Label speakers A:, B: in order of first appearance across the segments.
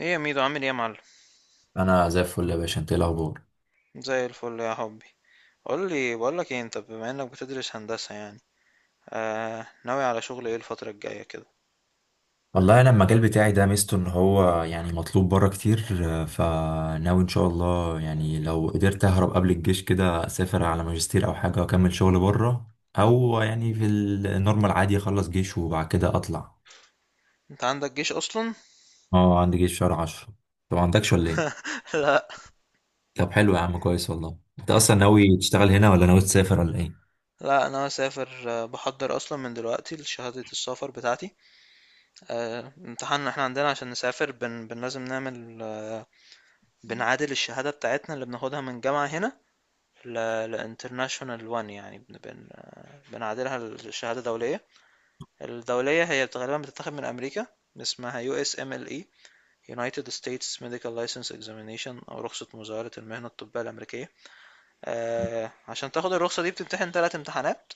A: ايه يا ميدو، عامل ايه يا معلم؟
B: انا زي الفل يا باشا، انت ايه الاخبار؟
A: زي الفل يا حبي. قول لي، بقول لك ايه، انت بما انك بتدرس هندسة يعني ناوي على شغل ايه الفترة الجاية كده؟
B: والله انا المجال بتاعي ده ميزته ان هو يعني مطلوب بره كتير، فناوي ان شاء الله، يعني لو قدرت اهرب قبل الجيش كده اسافر على ماجستير او حاجه واكمل شغل بره. او يعني في النورمال عادي اخلص جيش وبعد كده اطلع.
A: انت عندك جيش اصلا؟
B: اه، عندي جيش شهر عشرة. طب ما عندكش ولا ايه؟
A: لا.
B: طب حلو يا عم، كويس. والله انت اصلا ناوي تشتغل هنا ولا ناوي تسافر ولا ايه؟
A: لا انا مسافر، بحضر اصلا من دلوقتي لشهادة السفر بتاعتي. امتحان احنا عندنا عشان نسافر بن, بن لازم نعمل، بنعادل الشهادة بتاعتنا اللي بناخدها من جامعة هنا لانترناشونال، وان يعني بنعادلها لشهادة دولية. الدولية هي غالبا بتتاخد من امريكا، اسمها يو اس ام ال اي، United States Medical License Examination، أو رخصة مزاولة المهنة الطبية الأمريكية. آه، عشان تاخد الرخصة دي بتمتحن تلات امتحانات.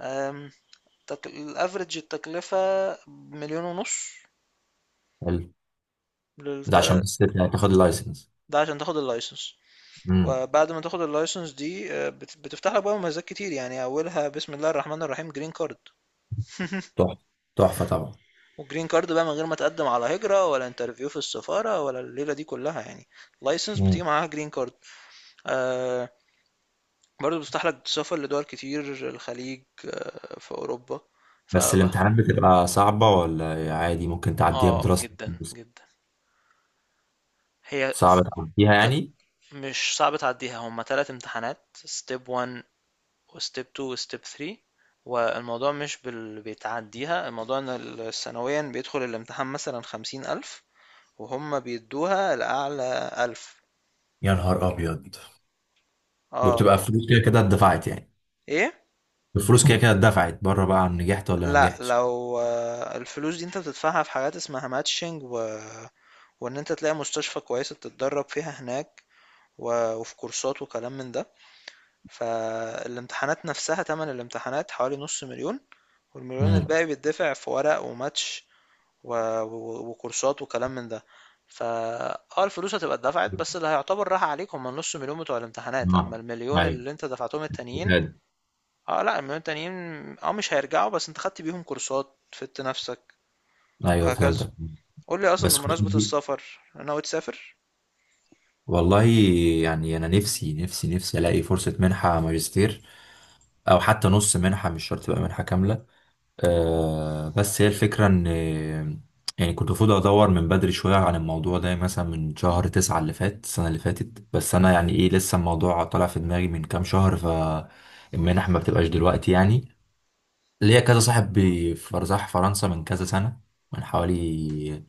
A: آم، الأفريج التكلفة مليون ونص
B: حلو. ده عشان
A: للتلات.
B: بس تاخد اللايسنس.
A: ده عشان تاخد اللايسنس.
B: امم.
A: وبعد ما تاخد اللايسنس دي بتفتح لك بقى مميزات كتير، يعني أولها بسم الله الرحمن الرحيم جرين كارد.
B: تحفه. تحفه طبعا.
A: والجرين كارد بقى من غير ما تقدم على هجرة ولا انترفيو في السفارة ولا الليلة دي كلها يعني. لايسنس بتيجي معاها جرين كارد. آه. برضه بيفتح لك سفر لدول كتير: الخليج، في أوروبا. ف
B: بس الامتحانات بتبقى صعبة ولا عادي ممكن تعديها
A: اه،
B: بدراسة؟
A: جدا جدا. هي س-
B: صعبة تعديها
A: ت-
B: يعني؟
A: مش صعب تعديها، هما تلات امتحانات: ستيب 1 وستيب 2 وستيب 3. والموضوع مش بيتعديها. الموضوع ان سنويا بيدخل الامتحان مثلا خمسين ألف، وهم بيدوها الأعلى ألف.
B: يا نهار ابيض.
A: اه.
B: وبتبقى فلوس كده كده اتدفعت يعني؟
A: ايه.
B: الفلوس كده كده اتدفعت بره بقى عن نجحت ولا ما
A: لا،
B: نجحتش؟
A: لو الفلوس دي انت بتدفعها في حاجات اسمها ماتشنج، وان انت تلاقي مستشفى كويسة تتدرب فيها هناك، وفي كورسات وكلام من ده. فالامتحانات نفسها تمن الامتحانات حوالي نص مليون، والمليون
B: امم.
A: الباقي بيدفع في ورق وماتش و... وكورسات وكلام من ده. فا اه الفلوس هتبقى اتدفعت، بس اللي هيعتبر راح عليك هما النص مليون بتوع الامتحانات،
B: اه.
A: اما المليون
B: ايوه.
A: اللي انت دفعتهم التانيين،
B: شهادة.
A: اه، لا المليون التانيين اه مش هيرجعوا، بس انت خدت بيهم كورسات، فدت نفسك،
B: ايوه،
A: وهكذا.
B: فهمتك.
A: قول لي اصلا،
B: بس كنت
A: بمناسبة
B: دي.
A: السفر، ناوي تسافر؟
B: والله يعني، انا نفسي نفسي نفسي الاقي فرصة منحة ماجستير، او حتى نص منحة، مش شرط تبقى منحة كاملة. بس هي الفكرة ان يعني كنت المفروض ادور من بدري شوية عن الموضوع ده، يعني مثلا من شهر تسعة اللي فات، السنة اللي فاتت، بس انا يعني ايه لسه الموضوع طالع في دماغي من كام شهر، فالمنح ما بتبقاش دلوقتي يعني. ليا كذا صاحب راح فرنسا من كذا سنة، من حوالي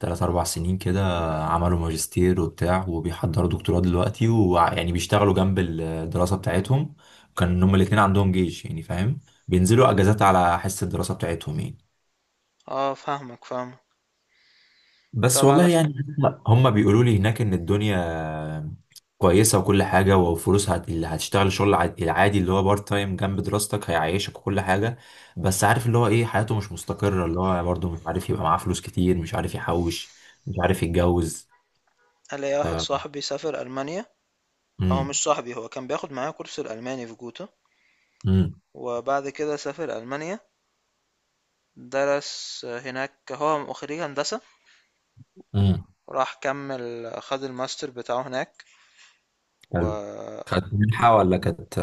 B: تلات أربع سنين كده، عملوا ماجستير وبتاع وبيحضروا دكتوراه دلوقتي، ويعني بيشتغلوا جنب الدراسة بتاعتهم. كان هما الاتنين عندهم جيش يعني فاهم، بينزلوا اجازات على حس الدراسه بتاعتهم يعني.
A: اه فاهمك فاهمك.
B: بس
A: طب
B: والله
A: على
B: يعني لا، هم بيقولوا لي هناك ان الدنيا كويسه وكل حاجه، وفلوس اللي هتشتغل شغل العادي اللي هو بارت تايم جنب دراستك هيعيشك وكل حاجه. بس عارف اللي هو ايه، حياته مش مستقره، اللي هو برضه مش عارف يبقى معاه فلوس كتير، مش عارف يحوش، مش عارف يتجوز.
A: الاقي واحد
B: ف
A: صاحبي سافر المانيا. هو
B: امم
A: مش صاحبي، هو كان بياخد معايا كورس الالماني في جوتا،
B: امم
A: وبعد كده سافر المانيا، درس هناك، هو خريج هندسة،
B: امم.
A: راح كمل خد الماستر بتاعه هناك.
B: حلو.
A: و
B: كانت منحه ولا كانت؟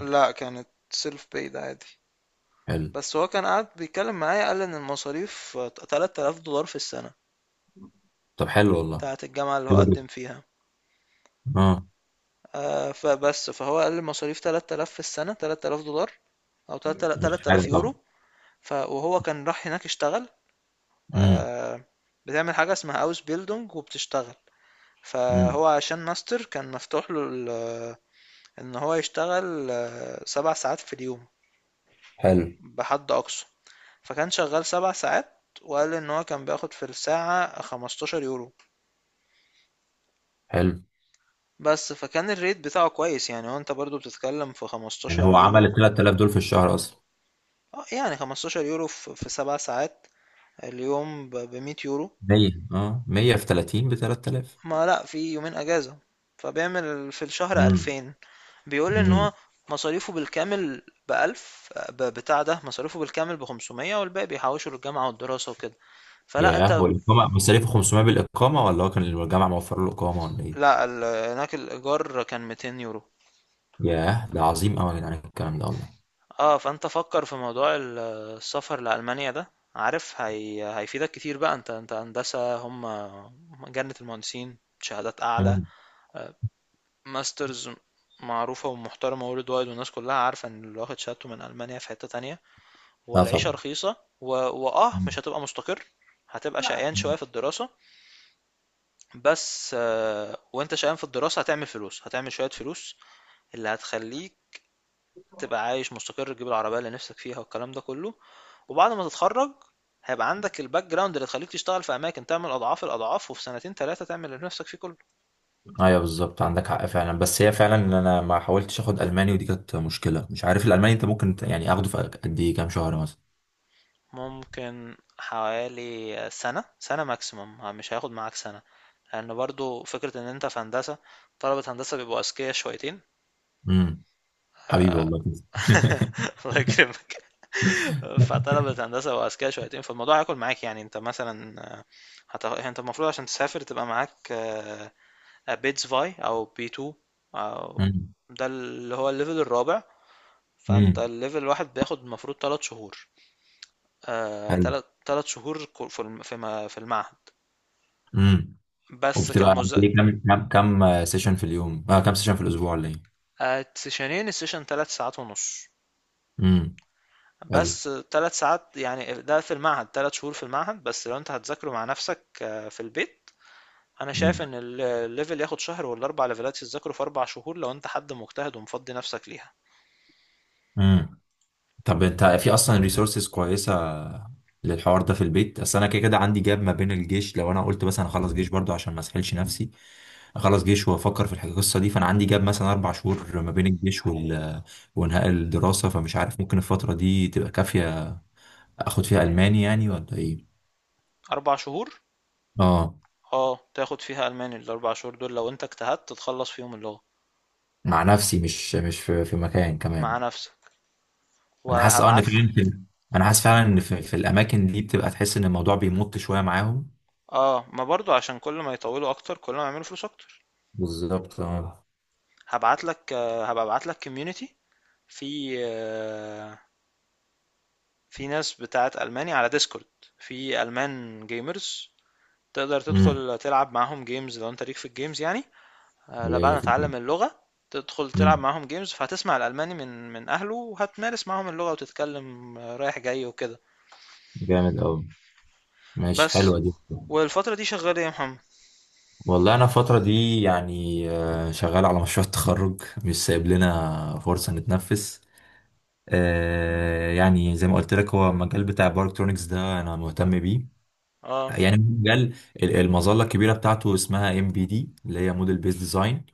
A: لا، كانت سيلف بايد عادي.
B: حلو.
A: بس هو كان قاعد بيتكلم معايا، قال ان المصاريف 3000 دولار في السنة،
B: طب حلو والله.
A: بتاعة الجامعة اللي هو
B: حلو جدا.
A: قدم فيها.
B: اه.
A: فبس فهو قال المصاريف 3000 في السنة، 3000 دولار او
B: مش حاجه
A: 3000
B: طبعا.
A: يورو. وهو كان راح هناك اشتغل.
B: امم
A: آه، بتعمل حاجة اسمها اوس بيلدونج وبتشتغل.
B: امم.
A: فهو عشان ماستر كان مفتوح له ان هو يشتغل سبع ساعات في اليوم
B: حلو.
A: بحد اقصى. فكان شغال سبع ساعات، وقال ان هو كان بياخد في الساعة 15 يورو.
B: حلو،
A: بس فكان الريت بتاعه كويس، يعني هو انت برضو بتتكلم في
B: يعني
A: 15
B: هو عمل
A: يورو.
B: ال 3000 دول في الشهر اصلا.
A: آه، يعني 15 يورو في سبع ساعات، اليوم ب 100 يورو.
B: 100، اه 100 في 30 ب 3000.
A: ما لا، في يومين اجازة، فبيعمل في الشهر
B: امم
A: 2000. بيقول لي ان هو
B: امم.
A: مصاريفه بالكامل بألف، بتاع ده مصاريفه بالكامل بخمسمية، والباقي بيحوشه للجامعة والدراسة وكده. فلا
B: ياه،
A: انت.
B: هو الاقامه مصاريفه 500 بالاقامه ولا هو كان الجامعه موفر له اقامه ولا ايه؟
A: لا هناك الإيجار كان 200 يورو.
B: ياه، ده عظيم قوي يا جدعان الكلام ده والله.
A: اه، فانت فكر في موضوع السفر لألمانيا ده، عارف هيفيدك كتير بقى. انت هندسة، هم جنة المهندسين، شهادات أعلى،
B: امم.
A: آه، ماسترز معروفة ومحترمة worldwide، والناس كلها عارفة ان اللي واخد شهادته من ألمانيا في حتة تانية.
B: اه
A: والعيشة
B: طبعا.
A: رخيصة، وآه
B: مم.
A: مش هتبقى مستقر، هتبقى شقيان
B: مم.
A: شوية في الدراسة، بس وانت شقيان في الدراسة هتعمل فلوس، هتعمل شوية فلوس اللي هتخليك تبقى عايش مستقر، تجيب العربية اللي نفسك فيها والكلام ده كله. وبعد ما تتخرج هيبقى عندك الباك جراوند اللي تخليك تشتغل في أماكن تعمل أضعاف الأضعاف، وفي سنتين تلاتة تعمل اللي نفسك فيه كله.
B: ايوه بالظبط، عندك حق فعلا. بس هي فعلا إن انا ما حاولتش اخد الماني، ودي كانت مشكله. مش عارف الالماني انت ممكن يعني اخده في قد ايه، كام شهر مثلا؟
A: ممكن حوالي سنة سنة ماكسيموم، مش هياخد معاك سنة، لأن يعني برضو فكرة إن أنت في هندسة، طلبة هندسة بيبقوا أذكياء شويتين.
B: امم. حبيبي والله.
A: الله يكرمك. فطلبة هندسة وأذكياء شويتين، فالموضوع هياكل معاك. يعني أنت مثلًا، أنت المفروض عشان تسافر تبقى معاك بيتس فاي أو B2، أو
B: امم
A: ده اللي هو الليفل الرابع. فأنت
B: امم.
A: الليفل الواحد بياخد المفروض تلات شهور.
B: حلو.
A: تلات شهور في ما- في المعهد، بس
B: وبتبقى قد
A: كمذاكرة.
B: إيه؟ كم سيشن في اليوم، كم سيشن في الاسبوع ولا ايه؟
A: سيشنين، السيشن تلات ساعات ونص.
B: امم. حلو.
A: بس تلات ساعات يعني، ده في المعهد، تلات شهور في المعهد. بس لو انت هتذاكره مع نفسك في البيت، انا
B: مم.
A: شايف ان الليفل ياخد شهر، ولا اربع ليفلات تذاكره في اربع شهور لو انت حد مجتهد ومفضي نفسك ليها.
B: امم. طب انت في اصلا ريسورسز كويسه للحوار ده في البيت؟ اصل انا كده كده عندي جاب ما بين الجيش، لو انا قلت مثلا اخلص جيش برضو عشان ما اسحلش نفسي، اخلص جيش وافكر في القصه دي. فانا عندي جاب مثلا اربع شهور ما بين الجيش وانهاء الدراسه، فمش عارف ممكن الفتره دي تبقى كافيه اخد فيها الماني يعني ولا ايه؟
A: اربع شهور؟
B: اه،
A: اه، تاخد فيها الماني الاربع شهور دول لو انت اجتهدت تتخلص فيهم اللغة.
B: مع نفسي، مش في مكان كمان.
A: مع نفسك.
B: انا حاسس اه ان
A: وهبعت لك.
B: انا حاسس فعلا ان في الاماكن دي بتبقى تحس ان الموضوع بيمط شويه معاهم.
A: اه، ما برضو عشان كل ما يطولوا اكتر كل ما يعملوا فلوس اكتر.
B: بالظبط اه.
A: هبعت لك، هبقى ابعت لك كوميونتي في في ناس بتاعت الماني على ديسكورد، في المان جيمرز، تقدر
B: امم.
A: تدخل تلعب معاهم جيمز لو انت ليك في الجيمز يعني. لا،
B: اللي
A: بعد
B: هي
A: ما
B: في الجيم.
A: تتعلم اللغة تدخل تلعب
B: امم.
A: معاهم جيمز، فهتسمع الألماني من أهله، وهتمارس معاهم اللغة وتتكلم، رايح جاي وكده.
B: جامد قوي. ماشي،
A: بس.
B: حلوه دي.
A: والفترة دي شغال ايه يا محمد؟
B: والله انا الفتره دي يعني شغال على مشروع التخرج، مش سايب لنا فرصه نتنفس. يعني زي ما قلت لك هو المجال بتاع الباركترونكس ده انا مهتم بيه.
A: اه.
B: يعني مجال المظله الكبيره بتاعته اسمها ام بي دي، اللي هي موديل بيز ديزاين.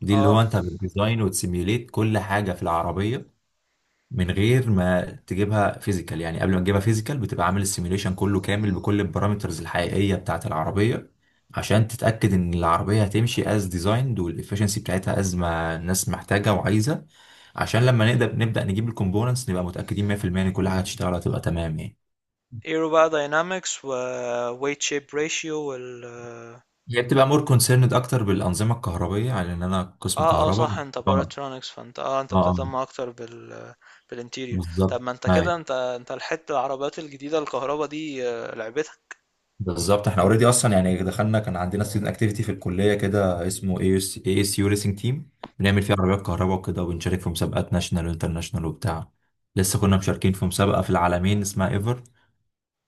B: دي اللي
A: اه،
B: هو انت بتديزاين وتسيميوليت كل حاجه في العربيه من غير ما تجيبها فيزيكال، يعني قبل ما تجيبها فيزيكال بتبقى عامل السيميوليشن كله كامل بكل البارامترز الحقيقيه بتاعه العربيه، عشان تتاكد ان العربيه هتمشي از ديزايند والافشنسي بتاعتها از ما الناس محتاجه وعايزه، عشان لما نقدر نبدا نجيب الكومبوننتس نبقى متاكدين 100% ان كل حاجه هتشتغل هتبقى تمام يعني.
A: ايرو بقى داينامكس ويت شيب ريشيو وال اه
B: هي بتبقى مور كونسيرند اكتر بالانظمه الكهربائيه على ان انا قسم
A: اه.
B: كهرباء.
A: صح، انت
B: اه.
A: باراترونكس، فانت انت
B: اه
A: بتهتم اكتر بالانتيريور. طب
B: بالظبط
A: ما انت كده،
B: أيوة.
A: انت لحقت العربيات الجديدة الكهرباء دي، لعبتها.
B: بالظبط، احنا اوريدي اصلا يعني دخلنا، كان عندنا ستودنت اكتيفيتي في الكليه كده اسمه اي اس اي اس يو ريسنج تيم، بنعمل فيه عربيات كهرباء وكده، وبنشارك في مسابقات ناشونال وانترناشونال وبتاع. لسه كنا مشاركين في مسابقه في العالمين اسمها ايفر،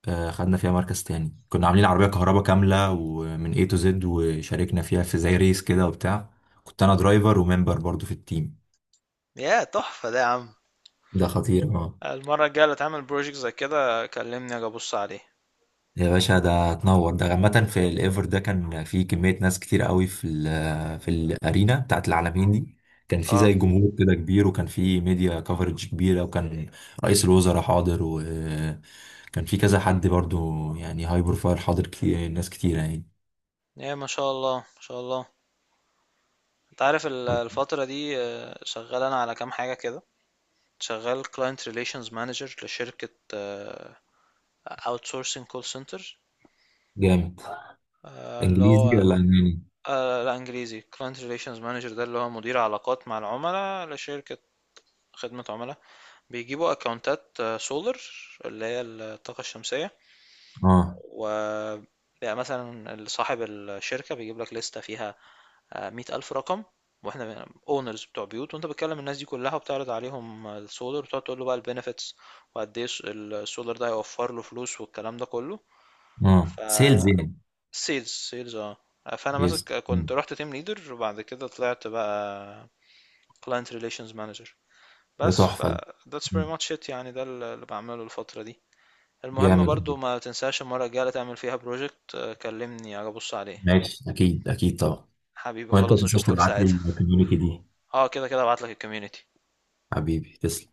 B: خدنا فيها مركز تاني، كنا عاملين عربيه كهرباء كامله ومن اي تو زد، وشاركنا فيها في زي ريس كده وبتاع. كنت انا درايفر وممبر برضو في التيم.
A: يا تحفة ده يا عم!
B: ده خطير اه.
A: المرة الجاية اللي تعمل بروجكت زي كده كلمني اجي ابص عليه.
B: يا باشا، ده هتنور. ده عامة في الايفر ده كان في كمية ناس كتير قوي في في الارينا بتاعت العالمين دي، كان في
A: اه.
B: زي جمهور كده كبير، وكان في ميديا كفرج كبيرة، وكان رئيس الوزراء حاضر، وكان في كذا حد برضو يعني هاي بروفايل حاضر، كتير، ناس كتير يعني.
A: ايه، ما شاء الله، ما شاء الله. انت عارف الفترة دي شغال انا على كام حاجة كده. شغال client relations manager لشركة آه، outsourcing call center.
B: جامد.
A: آه، اللي
B: انجليزي
A: هو
B: ولا الماني؟
A: آه، لا، انجليزي. client relations manager ده اللي هو مدير علاقات مع العملاء لشركة خدمة عملاء. بيجيبوا اكونتات سولر، اللي هي الطاقة الشمسية.
B: اه.
A: و بيبقى مثلا صاحب الشركة بيجيب لك لستة فيها مية ألف رقم، واحنا اونرز بتوع بيوت، وانت بتكلم الناس دي كلها وبتعرض عليهم السولار، وتقعد تقول له بقى البنفيتس، وقد ايه السولار ده هيوفر له فلوس والكلام ده كله. ف
B: اه سيلز يعني.
A: سيلز، سيلز اه. فانا ماسك،
B: يس. مم.
A: كنت رحت تيم ليدر وبعد كده طلعت بقى كلاينت ريليشنز مانجر.
B: ده
A: بس ف
B: تحفة ده.
A: that's
B: مم.
A: pretty much it يعني. ده اللي بعمله الفترة دي. المهم
B: جامد.
A: برضو ما تنساش المرة الجاية اللي تعمل فيها بروجكت كلمني أبص عليه.
B: ماشي، اكيد اكيد طبعا.
A: حبيبي
B: وانت ما
A: خلاص،
B: تنساش
A: اشوفك
B: تبعت لي
A: ساعتها.
B: الكوميونتي دي.
A: اه كده كده ابعتلك الكوميونتي
B: حبيبي تسلم.